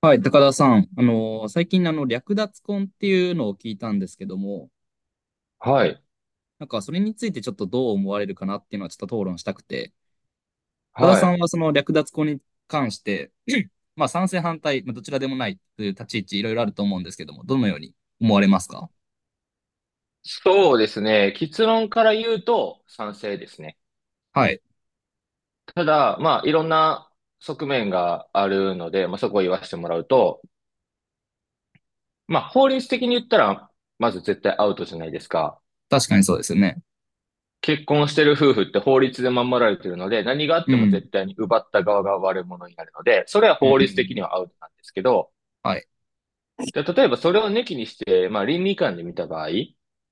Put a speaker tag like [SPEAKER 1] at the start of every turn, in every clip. [SPEAKER 1] はい、高田さん。最近、略奪婚っていうのを聞いたんですけども、
[SPEAKER 2] はい。
[SPEAKER 1] なんか、それについてちょっとどう思われるかなっていうのはちょっと討論したくて、高田
[SPEAKER 2] は
[SPEAKER 1] さ
[SPEAKER 2] い。
[SPEAKER 1] んはその略奪婚に関して、まあ、賛成反対、まあ、どちらでもないという立ち位置いろいろあると思うんですけども、どのように思われますか？
[SPEAKER 2] そうですね。結論から言うと賛成ですね。
[SPEAKER 1] はい。
[SPEAKER 2] ただ、まあ、いろんな側面があるので、まあ、そこを言わせてもらうと、まあ、法律的に言ったら、まず絶対アウトじゃないですか。
[SPEAKER 1] 確かにそうですよね。
[SPEAKER 2] 結婚してる夫婦って法律で守られてるので、何があっ
[SPEAKER 1] う
[SPEAKER 2] ても
[SPEAKER 1] ん。
[SPEAKER 2] 絶対に奪った側が悪者になるので、それは
[SPEAKER 1] うん。う
[SPEAKER 2] 法律的に
[SPEAKER 1] ん
[SPEAKER 2] はアウトなんですけど、
[SPEAKER 1] はい。
[SPEAKER 2] で、例えばそれを抜きにして、まあ、倫理観で見た場合、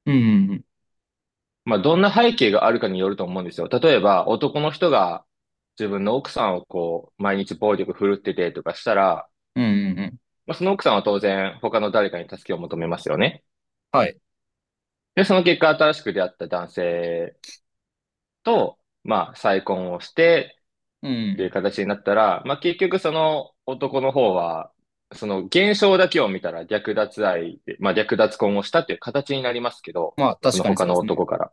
[SPEAKER 1] うん。うん。
[SPEAKER 2] まあ、どんな背景があるかによると思うんですよ。例えば、男の人が自分の奥さんをこう、毎日暴力振るっててとかしたら、
[SPEAKER 1] うん。うん
[SPEAKER 2] まあ、その奥さんは当然他の誰かに助けを求めますよね。
[SPEAKER 1] はい。
[SPEAKER 2] で、その結果、新しく出会った男性と、まあ、再婚をして
[SPEAKER 1] う
[SPEAKER 2] っていう
[SPEAKER 1] ん。
[SPEAKER 2] 形になったら、まあ、結局その男の方は、その現象だけを見たら略奪愛で、まあ、略奪婚をしたっていう形になりますけど、
[SPEAKER 1] まあ、
[SPEAKER 2] そ
[SPEAKER 1] 確
[SPEAKER 2] の
[SPEAKER 1] かに
[SPEAKER 2] 他
[SPEAKER 1] そうで
[SPEAKER 2] の
[SPEAKER 1] すね。
[SPEAKER 2] 男から。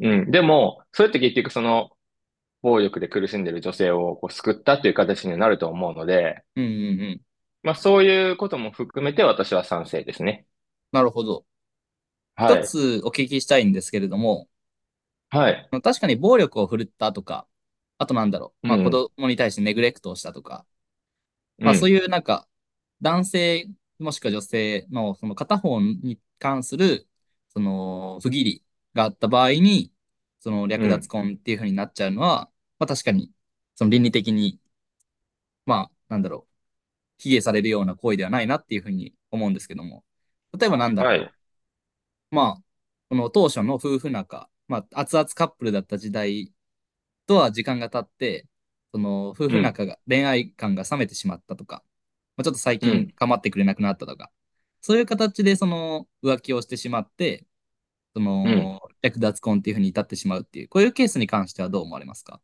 [SPEAKER 2] うん。でも、それって結局その、暴力で苦しんでいる女性をこう救ったという形になると思うので、
[SPEAKER 1] うん。うん。うん
[SPEAKER 2] まあそういうことも含めて私は賛成ですね。
[SPEAKER 1] なるほど。
[SPEAKER 2] は
[SPEAKER 1] 一
[SPEAKER 2] い。
[SPEAKER 1] つお聞きしたいんですけれども、
[SPEAKER 2] はい。
[SPEAKER 1] 確かに暴力を振るったとか、あとなんだろ
[SPEAKER 2] う
[SPEAKER 1] う、まあ子
[SPEAKER 2] ん。
[SPEAKER 1] 供に対してネグレクトをしたとか、
[SPEAKER 2] う
[SPEAKER 1] まあそう
[SPEAKER 2] ん。
[SPEAKER 1] いうなんか、男性もしくは女性のその片方に関する、その不義理があった場合に、その
[SPEAKER 2] う
[SPEAKER 1] 略奪
[SPEAKER 2] ん。
[SPEAKER 1] 婚っていう風になっちゃうのは、まあ確かに、その倫理的に、まあなんだろう、卑下されるような行為ではないなっていう風に思うんですけども、例えばなんだ
[SPEAKER 2] はい。
[SPEAKER 1] ろまあ、この当初の夫婦仲、まあ、熱々カップルだった時代とは時間が経って、その夫
[SPEAKER 2] う
[SPEAKER 1] 婦
[SPEAKER 2] ん。
[SPEAKER 1] 仲が、恋愛感が冷めてしまったとか、まあ、ちょっと最
[SPEAKER 2] う
[SPEAKER 1] 近
[SPEAKER 2] ん。
[SPEAKER 1] 構ってくれなくなったとか、そういう形でその浮気をしてしまって、そ
[SPEAKER 2] うん。
[SPEAKER 1] の略奪婚っていうふうに至ってしまうっていう、こういうケースに関してはどう思われますか？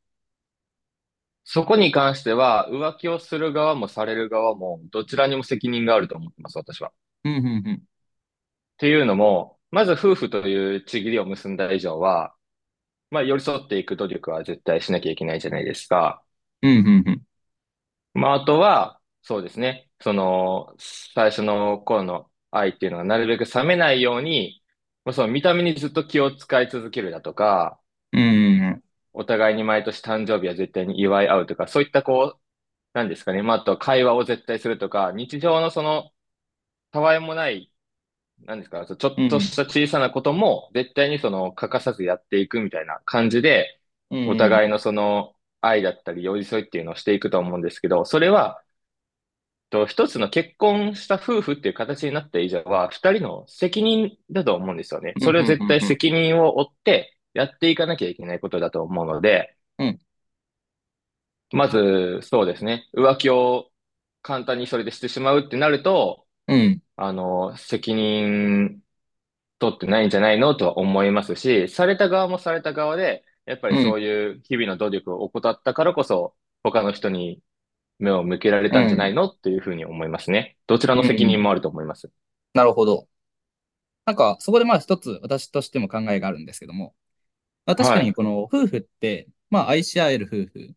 [SPEAKER 2] そこに関しては、浮気をする側もされる側も、どちらにも責任があると思ってます、私は。っ
[SPEAKER 1] うんうんうん。
[SPEAKER 2] ていうのも、まず夫婦という契りを結んだ以上は、まあ寄り添っていく努力は絶対しなきゃいけないじゃないですか。
[SPEAKER 1] うんうんうん。
[SPEAKER 2] まあ、あとは、そうですね。その、最初の頃の愛っていうのは、なるべく冷めないように、まあ、その見た目にずっと気を使い続けるだとか、
[SPEAKER 1] うんうん
[SPEAKER 2] お互いに毎年誕生日は絶対に祝い合うとか、そういったこう、なんですかね。まあ、あとは会話を絶対するとか、日常のその、たわいもない、なんですか、ちょちょ
[SPEAKER 1] うん。
[SPEAKER 2] っと
[SPEAKER 1] う
[SPEAKER 2] し
[SPEAKER 1] ん
[SPEAKER 2] た小さなことも、絶対にその、欠かさずやっていくみたいな感じで、
[SPEAKER 1] う
[SPEAKER 2] お
[SPEAKER 1] ん
[SPEAKER 2] 互
[SPEAKER 1] う
[SPEAKER 2] い
[SPEAKER 1] ん。
[SPEAKER 2] のその、愛だったり、寄り添いっていうのをしていくと思うんですけど、それは、と、一つの結婚した夫婦っていう形になった以上は、二人の責任だと思うんですよね。
[SPEAKER 1] う
[SPEAKER 2] そ
[SPEAKER 1] ん
[SPEAKER 2] れ
[SPEAKER 1] う
[SPEAKER 2] を絶
[SPEAKER 1] ん
[SPEAKER 2] 対
[SPEAKER 1] うん。
[SPEAKER 2] 責任を負ってやっていかなきゃいけないことだと思うので、
[SPEAKER 1] うん
[SPEAKER 2] まず、そうですね。浮気を簡単にそれでしてしまうってなると、
[SPEAKER 1] うん
[SPEAKER 2] 責任取ってないんじゃないのとは思いますし、された側もされた側で、やっぱ
[SPEAKER 1] う
[SPEAKER 2] り
[SPEAKER 1] ん。うん
[SPEAKER 2] そういう日々の努力を怠ったからこそ、他の人に目を向けられたんじゃな
[SPEAKER 1] う
[SPEAKER 2] いのっていうふうに思いますね。どちらの
[SPEAKER 1] んう
[SPEAKER 2] 責任
[SPEAKER 1] ん。
[SPEAKER 2] もあると思います。
[SPEAKER 1] なるほど。なんか、そこでまあ一つ私としても考えがあるんですけども、まあ、確かに
[SPEAKER 2] は
[SPEAKER 1] この夫婦って、まあ愛し合える夫婦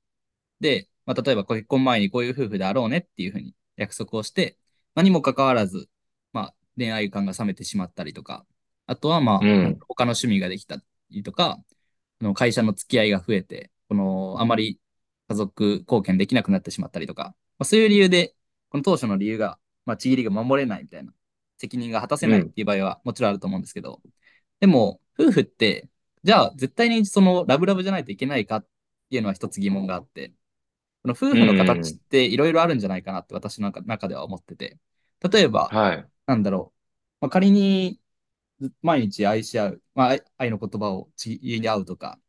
[SPEAKER 1] で、まあ、例えば結婚前にこういう夫婦であろうねっていうふうに約束をして、まあ、にもかかわらず、まあ、恋愛感が冷めてしまったりとか、あとは、
[SPEAKER 2] い。
[SPEAKER 1] ま
[SPEAKER 2] う
[SPEAKER 1] あ、なんか
[SPEAKER 2] ん。
[SPEAKER 1] 他の趣味ができたりとか、会社の付き合いが増えて、この、あまり家族貢献できなくなってしまったりとか、まあ、そういう理由で、この当初の理由が、まあ、ちぎりが守れないみたいな、責任が果たせ
[SPEAKER 2] う
[SPEAKER 1] ないっ
[SPEAKER 2] ん。
[SPEAKER 1] ていう場合はもちろんあると思うんですけど、でも、夫婦って、じゃあ絶対にそのラブラブじゃないといけないかっていうのは一つ疑問があって、この夫
[SPEAKER 2] うん。
[SPEAKER 1] 婦の
[SPEAKER 2] う
[SPEAKER 1] 形っ
[SPEAKER 2] ん
[SPEAKER 1] ていろいろあるんじゃないかなって私の中では思ってて。例えば、
[SPEAKER 2] はい。
[SPEAKER 1] なんだろう。まあ、仮に毎日愛し合う、まあ、愛愛の言葉をちぎり合うとか、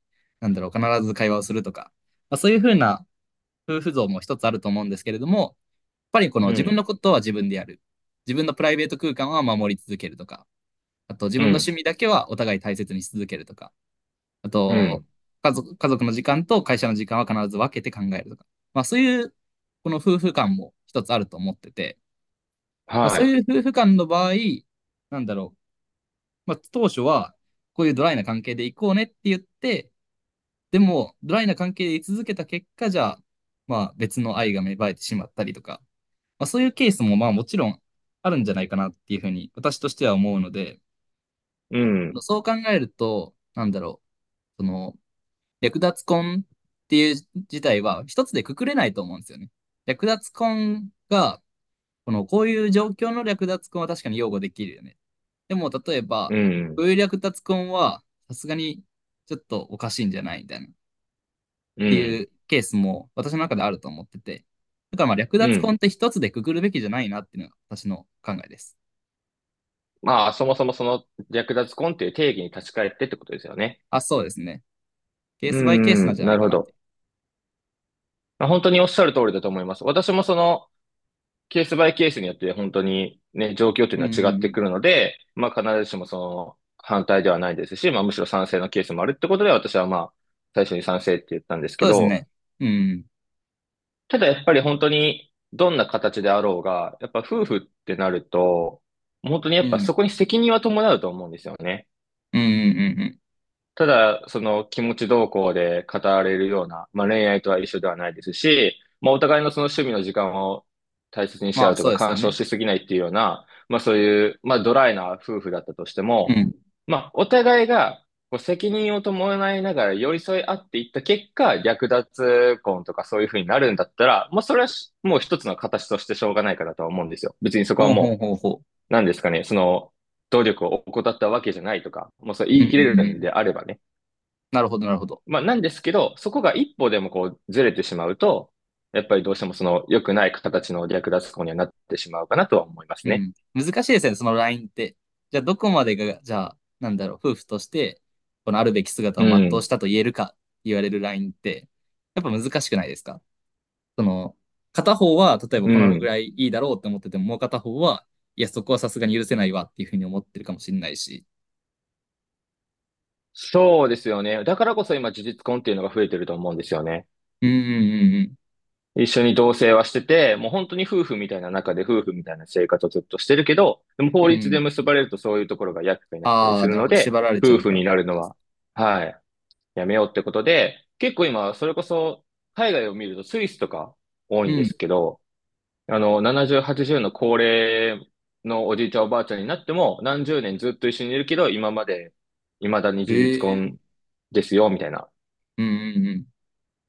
[SPEAKER 1] なんだろう、必ず会話をするとか、まあ、そういうふうな夫婦像も一つあると思うんですけれども、やっぱりこの
[SPEAKER 2] う
[SPEAKER 1] 自分
[SPEAKER 2] ん。
[SPEAKER 1] のことは自分でやる。自分のプライベート空間は守り続けるとか、あと自
[SPEAKER 2] う
[SPEAKER 1] 分の趣
[SPEAKER 2] ん。
[SPEAKER 1] 味だけはお互い大切にし続けるとか、あ
[SPEAKER 2] う
[SPEAKER 1] と、
[SPEAKER 2] ん。
[SPEAKER 1] 家族、家族の時間と会社の時間は必ず分けて考えるとか。まあそういう、この夫婦間も一つあると思ってて、まあ
[SPEAKER 2] は
[SPEAKER 1] そう
[SPEAKER 2] い。
[SPEAKER 1] いう夫婦間の場合、なんだろう。まあ当初は、こういうドライな関係で行こうねって言って、でも、ドライな関係で居続けた結果じゃあ、まあ別の愛が芽生えてしまったりとか、まあそういうケースもまあもちろんあるんじゃないかなっていうふうに私としては思うので、
[SPEAKER 2] うん。
[SPEAKER 1] そう考えると、なんだろう。その、略奪婚っていう事態は一つでくくれないと思うんですよね。略奪婚が、この、こういう状況の略奪婚は確かに擁護できるよね。でも、例え
[SPEAKER 2] う
[SPEAKER 1] ば、こ
[SPEAKER 2] ん。
[SPEAKER 1] ういう略奪婚は、さすがにちょっとおかしいんじゃないみたいな、っ
[SPEAKER 2] う
[SPEAKER 1] てい
[SPEAKER 2] ん。
[SPEAKER 1] うケースも私の中であると思ってて。だからまあ略
[SPEAKER 2] う
[SPEAKER 1] 奪婚
[SPEAKER 2] ん。
[SPEAKER 1] って一つでくくるべきじゃないなっていうのが私の考えです。
[SPEAKER 2] まあ、そもそもその略奪婚っていう定義に立ち返ってってことですよね。
[SPEAKER 1] あ、そうですね。ケー
[SPEAKER 2] う
[SPEAKER 1] スバイケースな
[SPEAKER 2] ん。
[SPEAKER 1] んじゃな
[SPEAKER 2] な
[SPEAKER 1] い
[SPEAKER 2] る
[SPEAKER 1] か
[SPEAKER 2] ほ
[SPEAKER 1] なって。
[SPEAKER 2] ど。まあ本当におっしゃる通りだと思います。私もそのケースバイケースによって本当にね、状況という
[SPEAKER 1] うん
[SPEAKER 2] のは
[SPEAKER 1] う
[SPEAKER 2] 違っ
[SPEAKER 1] んう
[SPEAKER 2] て
[SPEAKER 1] ん。
[SPEAKER 2] くるので、まあ必ずしもその反対ではないですし、まあむしろ賛成のケースもあるってことで私はまあ最初に賛成って言ったんです
[SPEAKER 1] そ
[SPEAKER 2] け
[SPEAKER 1] うです
[SPEAKER 2] ど、
[SPEAKER 1] ね。うん
[SPEAKER 2] ただやっぱり本当にどんな形であろうが、やっぱ夫婦ってなると、本当にや
[SPEAKER 1] う
[SPEAKER 2] っぱ
[SPEAKER 1] ん。
[SPEAKER 2] そこに責任は伴うと思うんですよね。
[SPEAKER 1] うん。うんうんうんうん。
[SPEAKER 2] ただ、その気持ち動向で語られるような、まあ、恋愛とは一緒ではないですし、まあ、お互いのその趣味の時間を大切にし
[SPEAKER 1] ま
[SPEAKER 2] 合
[SPEAKER 1] あ
[SPEAKER 2] うと
[SPEAKER 1] そう
[SPEAKER 2] か、
[SPEAKER 1] ですよ
[SPEAKER 2] 干渉
[SPEAKER 1] ね。
[SPEAKER 2] しすぎないっていうような、まあ、そういう、まあ、ドライな夫婦だったとして
[SPEAKER 1] う
[SPEAKER 2] も、
[SPEAKER 1] ん。
[SPEAKER 2] まあ、お互いがこう責任を伴いながら寄り添い合っていった結果、略奪婚とかそういうふうになるんだったら、まあ、それはしもう一つの形としてしょうがないかなとは思うんですよ。別にそこは
[SPEAKER 1] ほうほう
[SPEAKER 2] もう、
[SPEAKER 1] ほうほ
[SPEAKER 2] 何ですかね、その、努力を怠ったわけじゃないとか、もうそう
[SPEAKER 1] う。
[SPEAKER 2] 言
[SPEAKER 1] うん
[SPEAKER 2] い切れ
[SPEAKER 1] うん
[SPEAKER 2] る
[SPEAKER 1] う
[SPEAKER 2] の
[SPEAKER 1] ん。
[SPEAKER 2] であればね。
[SPEAKER 1] なるほど、なるほど。
[SPEAKER 2] まあ、なんですけど、そこが一歩でもこうずれてしまうと、やっぱりどうしてもその良くない形の略奪行為にはなってしまうかなとは思います
[SPEAKER 1] う
[SPEAKER 2] ね。
[SPEAKER 1] ん。難しいですね、そのラインって。じゃあ、どこまでが、じゃあ、なんだろう、夫婦として、このあるべき姿
[SPEAKER 2] う
[SPEAKER 1] を全うし
[SPEAKER 2] ん。
[SPEAKER 1] たと言えるか、言われるラインって、やっぱ難しくないですか？その、片方は、例えば
[SPEAKER 2] う
[SPEAKER 1] このぐ
[SPEAKER 2] ん。
[SPEAKER 1] らいいいだろうって思ってても、もう片方は、いや、そこはさすがに許せないわっていうふうに思ってるかもしれないし。
[SPEAKER 2] そうですよね。だからこそ今、事実婚っていうのが増えてると思うんですよね。
[SPEAKER 1] うんうん
[SPEAKER 2] 一緒に同棲はしてて、もう本当に夫婦みたいな中で夫婦みたいな生活をずっとしてるけど、でも
[SPEAKER 1] うん
[SPEAKER 2] 法
[SPEAKER 1] うん。
[SPEAKER 2] 律
[SPEAKER 1] う
[SPEAKER 2] で
[SPEAKER 1] ん。
[SPEAKER 2] 結ばれるとそういうところが厄介になったり
[SPEAKER 1] あ
[SPEAKER 2] す
[SPEAKER 1] あ、
[SPEAKER 2] る
[SPEAKER 1] なる
[SPEAKER 2] の
[SPEAKER 1] ほど。
[SPEAKER 2] で、
[SPEAKER 1] 縛られちゃ
[SPEAKER 2] 夫
[SPEAKER 1] う
[SPEAKER 2] 婦
[SPEAKER 1] からっ
[SPEAKER 2] にな
[SPEAKER 1] て
[SPEAKER 2] る
[SPEAKER 1] こと
[SPEAKER 2] の
[SPEAKER 1] です。
[SPEAKER 2] は、はい、やめようってことで、結構今、それこそ海外を見るとスイスとか多
[SPEAKER 1] う
[SPEAKER 2] いんです
[SPEAKER 1] ん。
[SPEAKER 2] けど、70、80の高齢のおじいちゃんおばあちゃんになっても、何十年ずっと一緒にいるけど、今まで、未だに事実
[SPEAKER 1] ええ
[SPEAKER 2] 婚ですよ、みたいな。
[SPEAKER 1] うんうん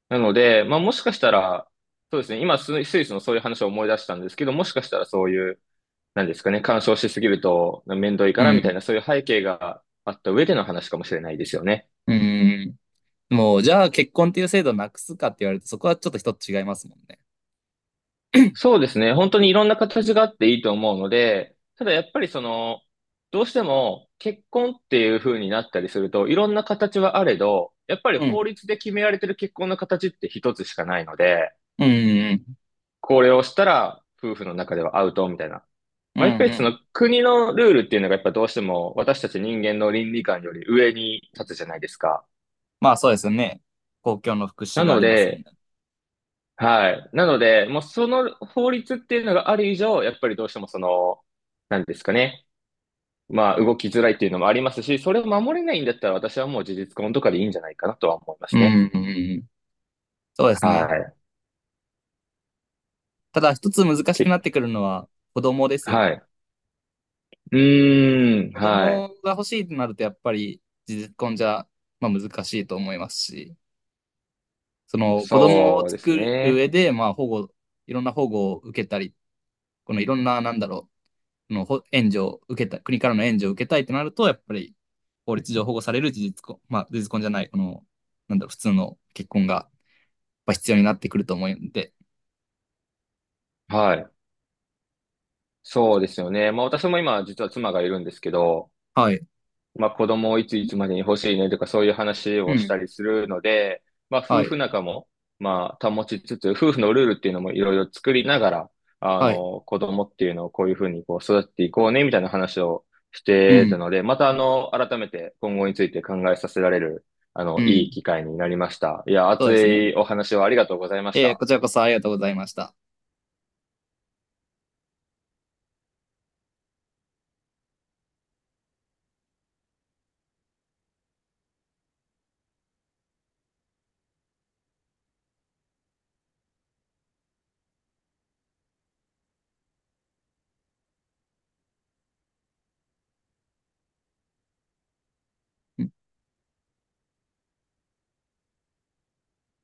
[SPEAKER 2] なので、まあもしかしたら、そうですね、今スイスのそういう話を思い出したんですけど、もしかしたらそういう、なんですかね、干渉しすぎると面倒いか
[SPEAKER 1] うん。
[SPEAKER 2] ら
[SPEAKER 1] う
[SPEAKER 2] みたい
[SPEAKER 1] ん。
[SPEAKER 2] な、そういう背景があった上での話かもしれないですよね。
[SPEAKER 1] うんうんうん。もう、じゃあ結婚っていう制度なくすかって言われると、そこはちょっと一つ違いますもんね。
[SPEAKER 2] そうですね。本当にいろんな形があっていいと思うので、ただやっぱりその、どうしても結婚っていう風になったりすると、いろんな形はあれど、やっぱり
[SPEAKER 1] うん。
[SPEAKER 2] 法律で決められてる結婚の形って一つしかないので、
[SPEAKER 1] うんうん
[SPEAKER 2] これをしたら夫婦の中ではアウトみたいな。
[SPEAKER 1] う
[SPEAKER 2] まあ、や
[SPEAKER 1] ん。
[SPEAKER 2] っ
[SPEAKER 1] う
[SPEAKER 2] ぱ
[SPEAKER 1] んう
[SPEAKER 2] りそ
[SPEAKER 1] ん。
[SPEAKER 2] の国のルールっていうのがやっぱどうしても私たち人間の倫理観より上に立つじゃないですか。
[SPEAKER 1] まあそうですよね。公共の福祉
[SPEAKER 2] な
[SPEAKER 1] があ
[SPEAKER 2] の
[SPEAKER 1] りますもんね。
[SPEAKER 2] で、はい。なので、もうその法律っていうのがある以上、やっぱりどうしてもその、なんですかね。まあ、動きづらいっていうのもありますし、それを守れないんだったら私はもう事実婚とかでいいんじゃないかなとは思いま
[SPEAKER 1] う
[SPEAKER 2] すね。
[SPEAKER 1] んうんうん。そうです
[SPEAKER 2] は
[SPEAKER 1] ね。
[SPEAKER 2] い。
[SPEAKER 1] ただ一つ難し
[SPEAKER 2] け、
[SPEAKER 1] くなってくるのは子供ですよ
[SPEAKER 2] は
[SPEAKER 1] ね。
[SPEAKER 2] い。うーん、
[SPEAKER 1] 子
[SPEAKER 2] は
[SPEAKER 1] 供
[SPEAKER 2] い。
[SPEAKER 1] が欲しいとなるとやっぱり実婚じゃ、まあ、難しいと思いますし、その子供を
[SPEAKER 2] そうです
[SPEAKER 1] 作る上
[SPEAKER 2] ね。
[SPEAKER 1] で、まあ保護、いろんな保護を受けたり、このいろんな、なんだろう、のほ援助を受けたい、国からの援助を受けたいとなると、やっぱり法律上保護される事実婚、まあ、事実婚じゃない、この、なんだろう、普通の結婚がやっぱ必要になってくると思うんで、
[SPEAKER 2] はい。そうですよね。まあ私も今実は妻がいるんですけど、
[SPEAKER 1] はい、
[SPEAKER 2] まあ子供をいついつまでに欲しいねとかそういう話
[SPEAKER 1] う
[SPEAKER 2] をし
[SPEAKER 1] ん、
[SPEAKER 2] たりするので、まあ
[SPEAKER 1] は
[SPEAKER 2] 夫婦
[SPEAKER 1] い、
[SPEAKER 2] 仲もまあ保ちつつ、夫婦のルールっていうのもいろいろ作りながら、
[SPEAKER 1] はい、
[SPEAKER 2] 子供っていうのをこういうふうにこう育っていこうねみたいな話をし
[SPEAKER 1] う
[SPEAKER 2] てた
[SPEAKER 1] ん、
[SPEAKER 2] ので、また改めて今後について考えさせられる、
[SPEAKER 1] う
[SPEAKER 2] いい
[SPEAKER 1] ん、
[SPEAKER 2] 機会になりました。いや、
[SPEAKER 1] そう
[SPEAKER 2] 熱
[SPEAKER 1] ですね。
[SPEAKER 2] いお話をありがとうございまし
[SPEAKER 1] こ
[SPEAKER 2] た。
[SPEAKER 1] ちらこそありがとうございました。うん